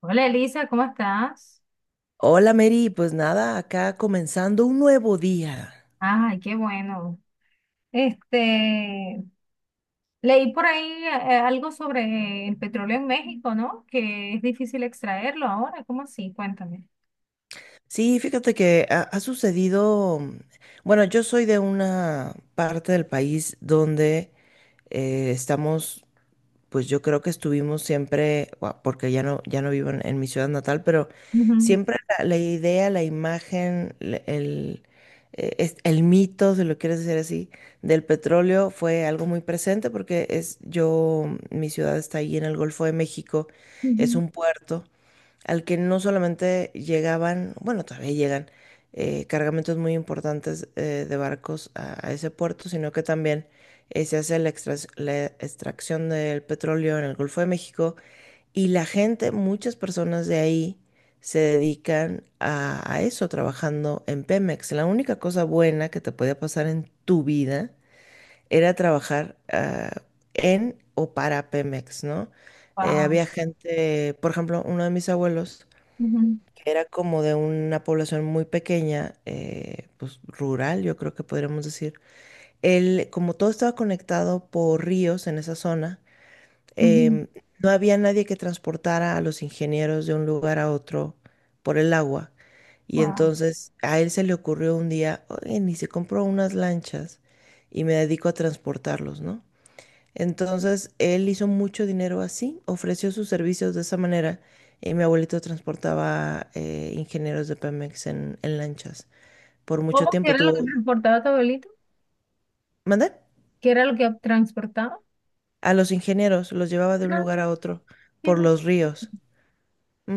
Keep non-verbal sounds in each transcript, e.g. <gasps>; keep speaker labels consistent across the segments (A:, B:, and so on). A: Hola Elisa, ¿cómo estás?
B: Hola Mary, pues nada, acá comenzando un nuevo día.
A: Ay, qué bueno. Este, leí por ahí algo sobre el petróleo en México, ¿no? Que es difícil extraerlo ahora, ¿cómo así? Cuéntame.
B: Sí, fíjate que ha sucedido, bueno, yo soy de una parte del país donde estamos, pues yo creo que estuvimos siempre, porque ya no, ya no vivo en mi ciudad natal, pero
A: Ujú.
B: siempre la idea, la imagen, el mito, si lo quieres decir así, del petróleo fue algo muy presente porque es yo, mi ciudad está ahí en el Golfo de México, es un puerto al que no solamente llegaban, bueno, todavía llegan cargamentos muy importantes, de barcos a ese puerto, sino que también se hace la extracción del petróleo en el Golfo de México y la gente, muchas personas de ahí se dedican a eso, trabajando en Pemex. La única cosa buena que te podía pasar en tu vida era trabajar en o para Pemex, ¿no?
A: Wow.
B: Había gente, por ejemplo, uno de mis abuelos,
A: Ujú.
B: que era como de una población muy pequeña, pues rural, yo creo que podríamos decir. Él, como todo estaba conectado por ríos en esa zona, em, no había nadie que transportara a los ingenieros de un lugar a otro por el agua. Y
A: Wow.
B: entonces a él se le ocurrió un día, oye, ni se compró unas lanchas y me dedico a transportarlos, ¿no? Entonces, él hizo mucho dinero así, ofreció sus servicios de esa manera y mi abuelito transportaba ingenieros de Pemex en lanchas. Por mucho
A: ¿Cómo que
B: tiempo
A: era lo que
B: tuvo…
A: transportaba tu abuelito?
B: ¿Mandé?
A: ¿Qué era lo que transportaba?
B: A los ingenieros los llevaba de un lugar a
A: Ah,
B: otro
A: qué
B: por
A: me-
B: los ríos.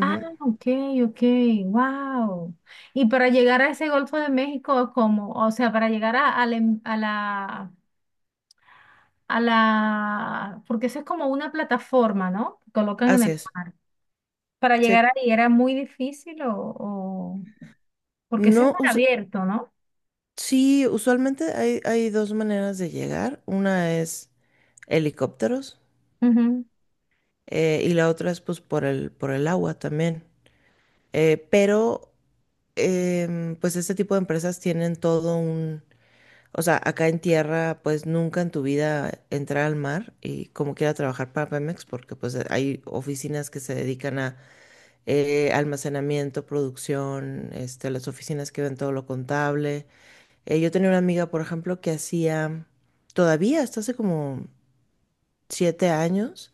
A: ah, ok, ok, wow. Y para llegar a ese Golfo de México, ¿cómo? O sea, para llegar a la, porque eso es como una plataforma, ¿no? Que colocan en
B: Así
A: el
B: es.
A: mar. Para
B: Sí.
A: llegar ahí era muy difícil o, o- porque eso es
B: No,
A: mar
B: us-
A: abierto, ¿no?
B: Sí, usualmente hay, hay dos maneras de llegar. Una es helicópteros,
A: Ujú.
B: y la otra es pues por por el agua también. Eh, pero, pues este tipo de empresas tienen todo un, o sea, acá en tierra, pues nunca en tu vida entrar al mar y como quiera trabajar para Pemex, porque pues hay oficinas que se dedican a almacenamiento, producción, este, las oficinas que ven todo lo contable. Yo tenía una amiga, por ejemplo, que hacía, todavía, hasta hace como siete años,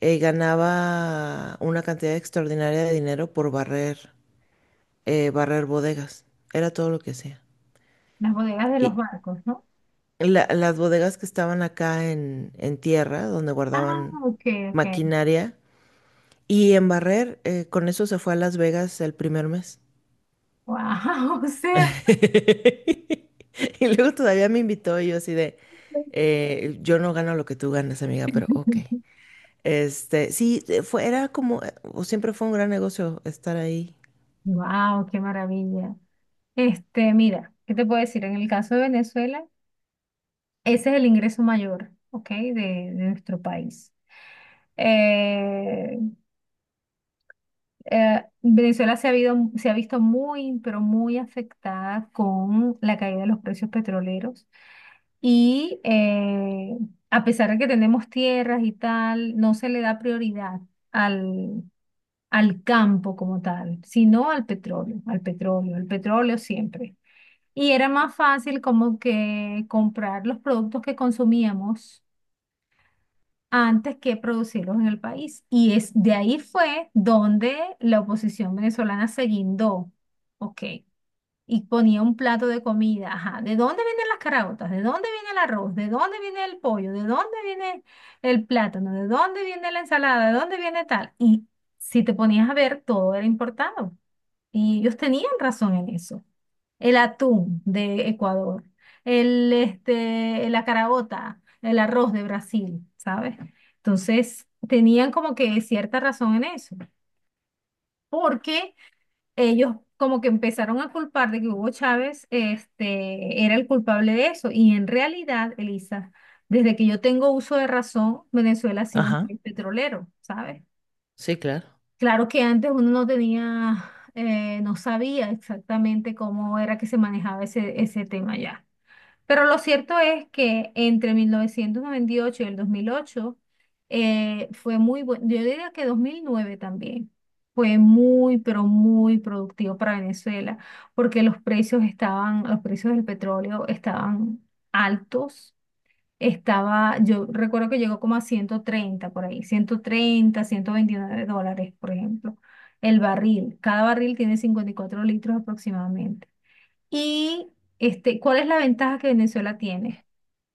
B: ganaba una cantidad extraordinaria de dinero por barrer, barrer bodegas, era todo lo que hacía.
A: Las bodegas de los
B: Y
A: barcos, ¿no?
B: las bodegas que estaban acá en tierra, donde
A: Ah,
B: guardaban
A: ok, ok.
B: maquinaria, y en barrer, con eso se fue a Las Vegas el primer mes.
A: Wow, <laughs> o sea,
B: <laughs> Y luego todavía me invitó y yo así de, yo no gano lo que tú ganas, amiga, pero ok. Este, sí, era como, o siempre fue un gran negocio estar ahí.
A: wow, qué maravilla. Este, mira, ¿qué te puedo decir? En el caso de Venezuela, ese es el ingreso mayor, ¿ok? De nuestro país. Eh, Venezuela se ha visto muy, pero muy afectada con la caída de los precios petroleros. Y a pesar de que tenemos tierras y tal, no se le da prioridad al, al campo como tal, sino al petróleo, al petróleo, al petróleo siempre. Y era más fácil como que comprar los productos que consumíamos antes que producirlos en el país. Y es de ahí fue donde la oposición venezolana se guindó, ¿ok? Y ponía un plato de comida, ajá, ¿de dónde vienen las caraotas? ¿De dónde viene el arroz? ¿De dónde viene el pollo? ¿De dónde viene el plátano? ¿De dónde viene la ensalada? ¿De dónde viene tal? Y si te ponías a ver, todo era importado. Y ellos tenían razón en eso. El atún de Ecuador, el, este, la carabota, el arroz de Brasil, ¿sabes? Entonces, tenían como que cierta razón en eso, porque ellos como que empezaron a culpar de que Hugo Chávez, este, era el culpable de eso. Y en realidad, Elisa, desde que yo tengo uso de razón, Venezuela ha sido un
B: Ajá,
A: país petrolero, ¿sabes?
B: sí, claro.
A: Claro que antes uno no tenía, no sabía exactamente cómo era que se manejaba ese tema ya. Pero lo cierto es que entre 1998 y el 2008 fue muy bueno, yo diría que 2009 también, fue muy, pero muy productivo para Venezuela, porque los precios del petróleo estaban altos. Yo recuerdo que llegó como a 130 por ahí, 130, $129, por ejemplo, el barril. Cada barril tiene 54 litros aproximadamente. Y este, ¿cuál es la ventaja que Venezuela tiene?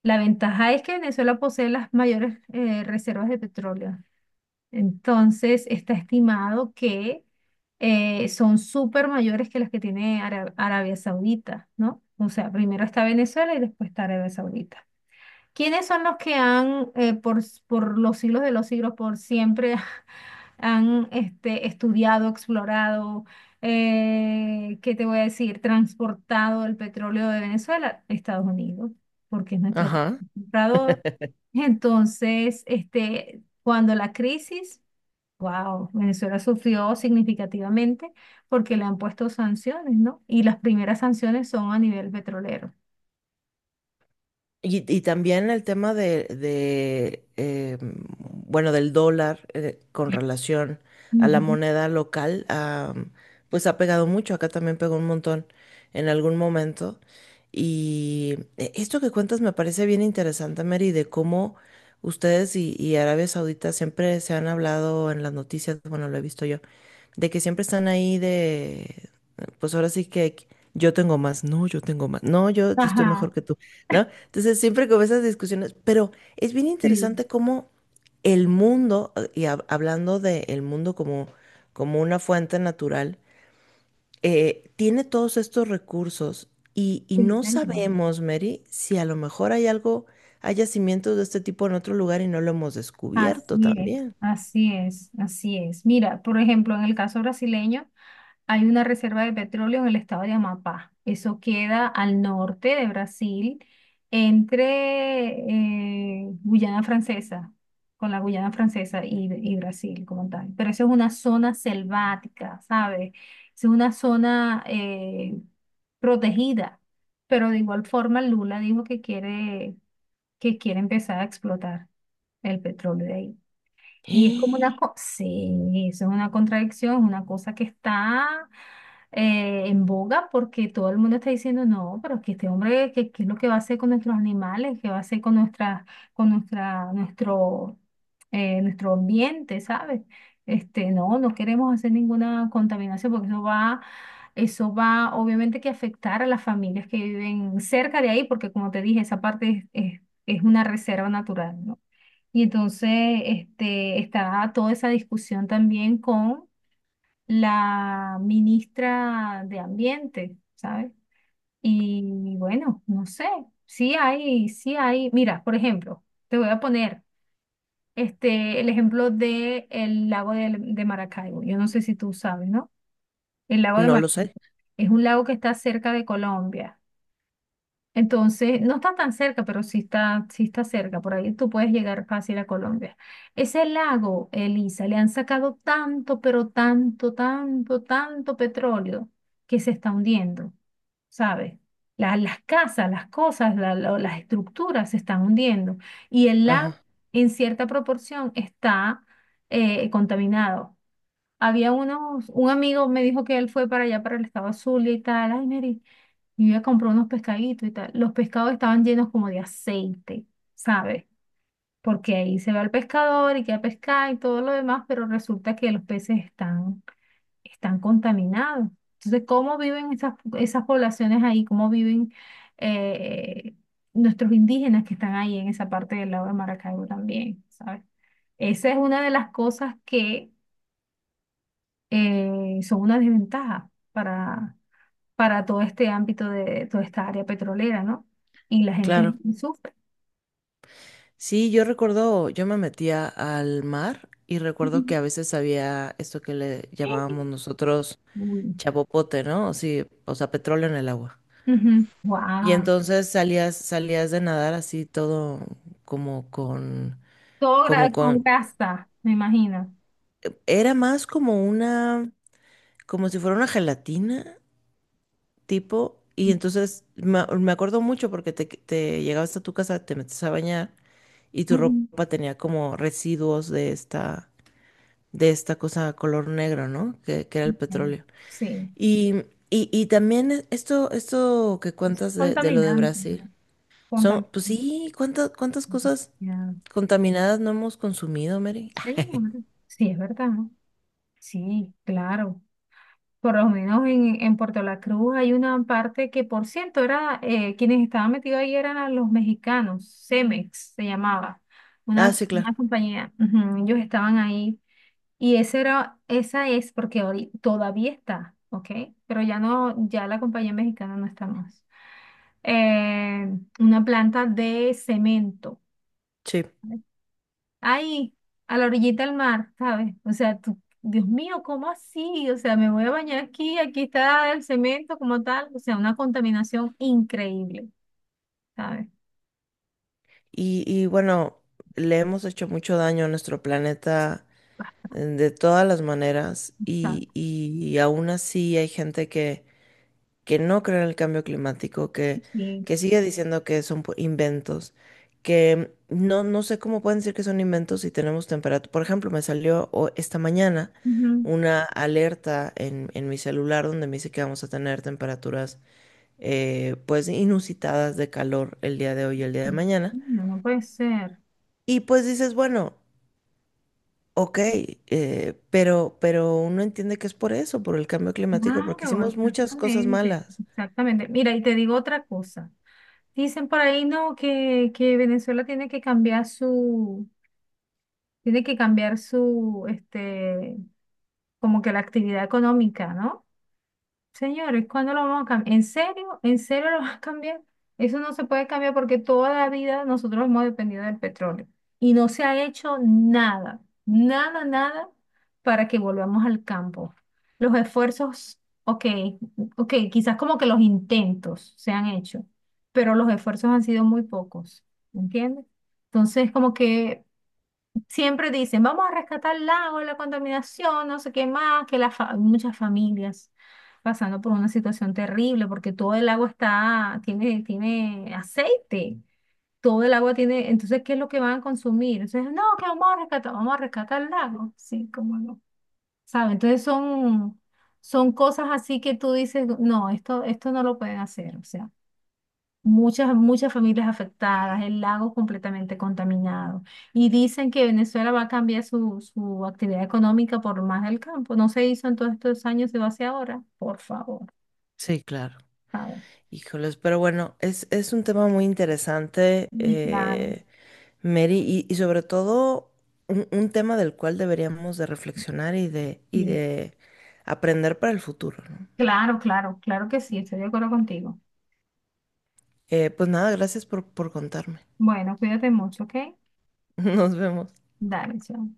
A: La ventaja es que Venezuela posee las mayores reservas de petróleo. Entonces, está estimado que son súper mayores que las que tiene Arabia Saudita, ¿no? O sea, primero está Venezuela y después está Arabia Saudita. ¿Quiénes son los que han, por los siglos de los siglos, por siempre, <laughs> han estudiado, explorado, ¿qué te voy a decir? Transportado el petróleo de Venezuela, Estados Unidos, porque es nuestro
B: Ajá.
A: comprador.
B: <laughs>
A: Entonces, este, cuando la crisis, wow, Venezuela sufrió significativamente porque le han puesto sanciones, ¿no? Y las primeras sanciones son a nivel petrolero.
B: Y también el tema bueno, del dólar, con relación a la
A: Ujú.
B: moneda local, ah, pues ha pegado mucho. Acá también pegó un montón en algún momento. Y esto que cuentas me parece bien interesante, Mary, de cómo ustedes y Arabia Saudita siempre se han hablado en las noticias, bueno, lo he visto yo de que siempre están ahí de, pues ahora sí que yo tengo más, no, yo tengo más, no, yo estoy mejor
A: Ajá,
B: que tú, ¿no? Entonces siempre con esas discusiones, pero es bien
A: sí,
B: interesante cómo el mundo, hablando del mundo como, como una fuente natural, tiene todos estos recursos y
A: sí,
B: no
A: señor.
B: sabemos, Mary, si a lo mejor hay algo, hay yacimientos de este tipo en otro lugar y no lo hemos descubierto
A: Así es,
B: también.
A: así es, así es. Mira, por ejemplo, en el caso brasileño, hay una reserva de petróleo en el estado de Amapá. Eso queda al norte de Brasil, entre Guyana Francesa, con la Guyana Francesa y Brasil como tal. Pero eso es una zona selvática, ¿sabes? Es una zona protegida. Pero de igual forma, Lula dijo que quiere empezar a explotar el petróleo de ahí. Y es como una
B: <gasps>
A: co sí, eso es una contradicción, una cosa que está en boga porque todo el mundo está diciendo, no, pero es que este hombre, ¿qué es lo que va a hacer con nuestros animales? ¿Qué va a hacer con con nuestra, nuestro, nuestro ambiente, ¿sabes? Este, no, no queremos hacer ninguna contaminación porque eso va obviamente que afectar a las familias que viven cerca de ahí, porque como te dije, esa parte es, es una reserva natural, ¿no? Y entonces este, estaba toda esa discusión también con la ministra de Ambiente, ¿sabes? Y bueno, no sé, sí hay, sí hay. Mira, por ejemplo, te voy a poner este, el ejemplo de el lago de Maracaibo. Yo no sé si tú sabes, ¿no? El lago de
B: No lo
A: Maracaibo
B: sé.
A: es un lago que está cerca de Colombia. Entonces, no está tan cerca, pero sí está cerca. Por ahí tú puedes llegar fácil a Colombia. Ese lago, Elisa, le han sacado tanto, pero tanto, tanto, tanto petróleo que se está hundiendo, ¿sabes? Las casas, las cosas, las estructuras se están hundiendo. Y el lago,
B: Ajá,
A: en cierta proporción, está contaminado. Había un amigo me dijo que él fue para allá, para el estado Zulia y tal. Ay, Mary. Y yo iba a unos pescaditos y tal. Los pescados estaban llenos como de aceite, ¿sabes? Porque ahí se va el pescador y queda pescar y todo lo demás, pero resulta que los peces están, están contaminados. Entonces, ¿cómo viven esas, esas poblaciones ahí? ¿Cómo viven eh, nuestros indígenas que están ahí en esa parte del lago de Maracaibo también, ¿sabes? Esa es una de las cosas que son una desventaja para todo este ámbito de toda esta área petrolera, ¿no? Y la gente
B: claro.
A: sufre.
B: Sí, yo recuerdo, yo me metía al mar y recuerdo que a veces había esto que le llamábamos nosotros
A: Uy.
B: chapopote, ¿no? Sí, o sea, petróleo en el agua.
A: Ujú.
B: Y
A: Guau.
B: entonces salías de nadar así todo como con,
A: Todo
B: como
A: con
B: con,
A: casa, me imagino.
B: era más como una, como si fuera una gelatina tipo, y entonces
A: Ujú.
B: me acuerdo mucho porque te llegabas a tu casa, te metes a bañar y tu
A: Ujú.
B: ropa tenía como residuos de esta, de esta cosa color negro, ¿no? Que era el
A: Ok.
B: petróleo.
A: Sí,
B: Y, y también esto que
A: es
B: cuentas de lo de
A: contaminante, ¿no?
B: Brasil, son, pues
A: Contaminante.
B: sí, ¿cuántas cosas
A: Ya.
B: contaminadas no hemos consumido, Mary? <laughs>
A: Señor. Sí, es verdad. Sí, claro. Por lo menos en Puerto La Cruz hay una parte que, por cierto, era, quienes estaban metidos ahí eran a los mexicanos, Cemex se llamaba,
B: Ah, sí, claro,
A: una compañía, ujú, ellos estaban ahí y ese era, esa es porque todavía está, ¿ok? Pero ya no, ya la compañía mexicana no está más. Eh, una planta de cemento
B: sí.
A: ahí, a la orillita del mar, ¿sabes? O sea, tú, Dios mío, ¿cómo así? O sea, me voy a bañar aquí, aquí está el cemento como tal, o sea, una contaminación increíble, ¿sabes?
B: Y bueno, le hemos hecho mucho daño a nuestro planeta, de todas las maneras
A: Bastante.
B: y aún así hay gente que no cree en el cambio climático,
A: Sí.
B: que sigue diciendo que son inventos, que no, no sé cómo pueden decir que son inventos si tenemos temperatura. Por ejemplo, me salió esta mañana
A: Ujú.
B: una alerta en mi celular donde me dice que vamos a tener temperaturas, pues inusitadas de calor el día de hoy y el día de mañana.
A: No, no puede ser.
B: Y pues dices, bueno, ok, pero uno entiende que es por eso, por el cambio climático, porque
A: Claro,
B: hicimos muchas cosas
A: exactamente,
B: malas.
A: exactamente. Mira, y te digo otra cosa. Dicen por ahí, no, que Venezuela tiene que cambiar su, tiene que cambiar su, este, como que la actividad económica, ¿no? Señores, ¿cuándo lo vamos a cambiar? ¿En serio? ¿En serio lo <laughs> vas a cambiar? Eso no se puede cambiar porque toda la vida nosotros hemos dependido del petróleo y no se ha hecho nada, nada, nada para que volvamos al campo. Los esfuerzos, ok, ok, quizás como que los intentos se han hecho, pero los esfuerzos han sido muy pocos, ¿entiendes? Entonces, como que siempre dicen, vamos a rescatar el lago, la contaminación, no sé qué más, que muchas familias pasando por una situación terrible, porque todo el agua tiene, aceite, todo el agua tiene, entonces, ¿qué es lo que van a consumir? Entonces, no, que vamos a rescatar el lago, sí, cómo no, ¿sabes? Entonces son cosas así que tú dices, no, esto no lo pueden hacer, o sea. Muchas, muchas familias afectadas, el lago completamente contaminado. Y dicen que Venezuela va a cambiar su actividad económica por más del campo. No se hizo en todos estos años, se va a hacer ahora. Por favor,
B: Sí, claro.
A: por favor.
B: Híjoles, pero bueno, es un tema muy interesante,
A: Y claro,
B: Mary, y sobre todo un tema del cual deberíamos de reflexionar y
A: sí.
B: de aprender para el futuro, ¿no?
A: Claro, claro, claro que sí, estoy de acuerdo contigo.
B: Pues nada, gracias por contarme.
A: Bueno, cuídate mucho, ¿ok?
B: <laughs> Nos vemos.
A: Dale, chao.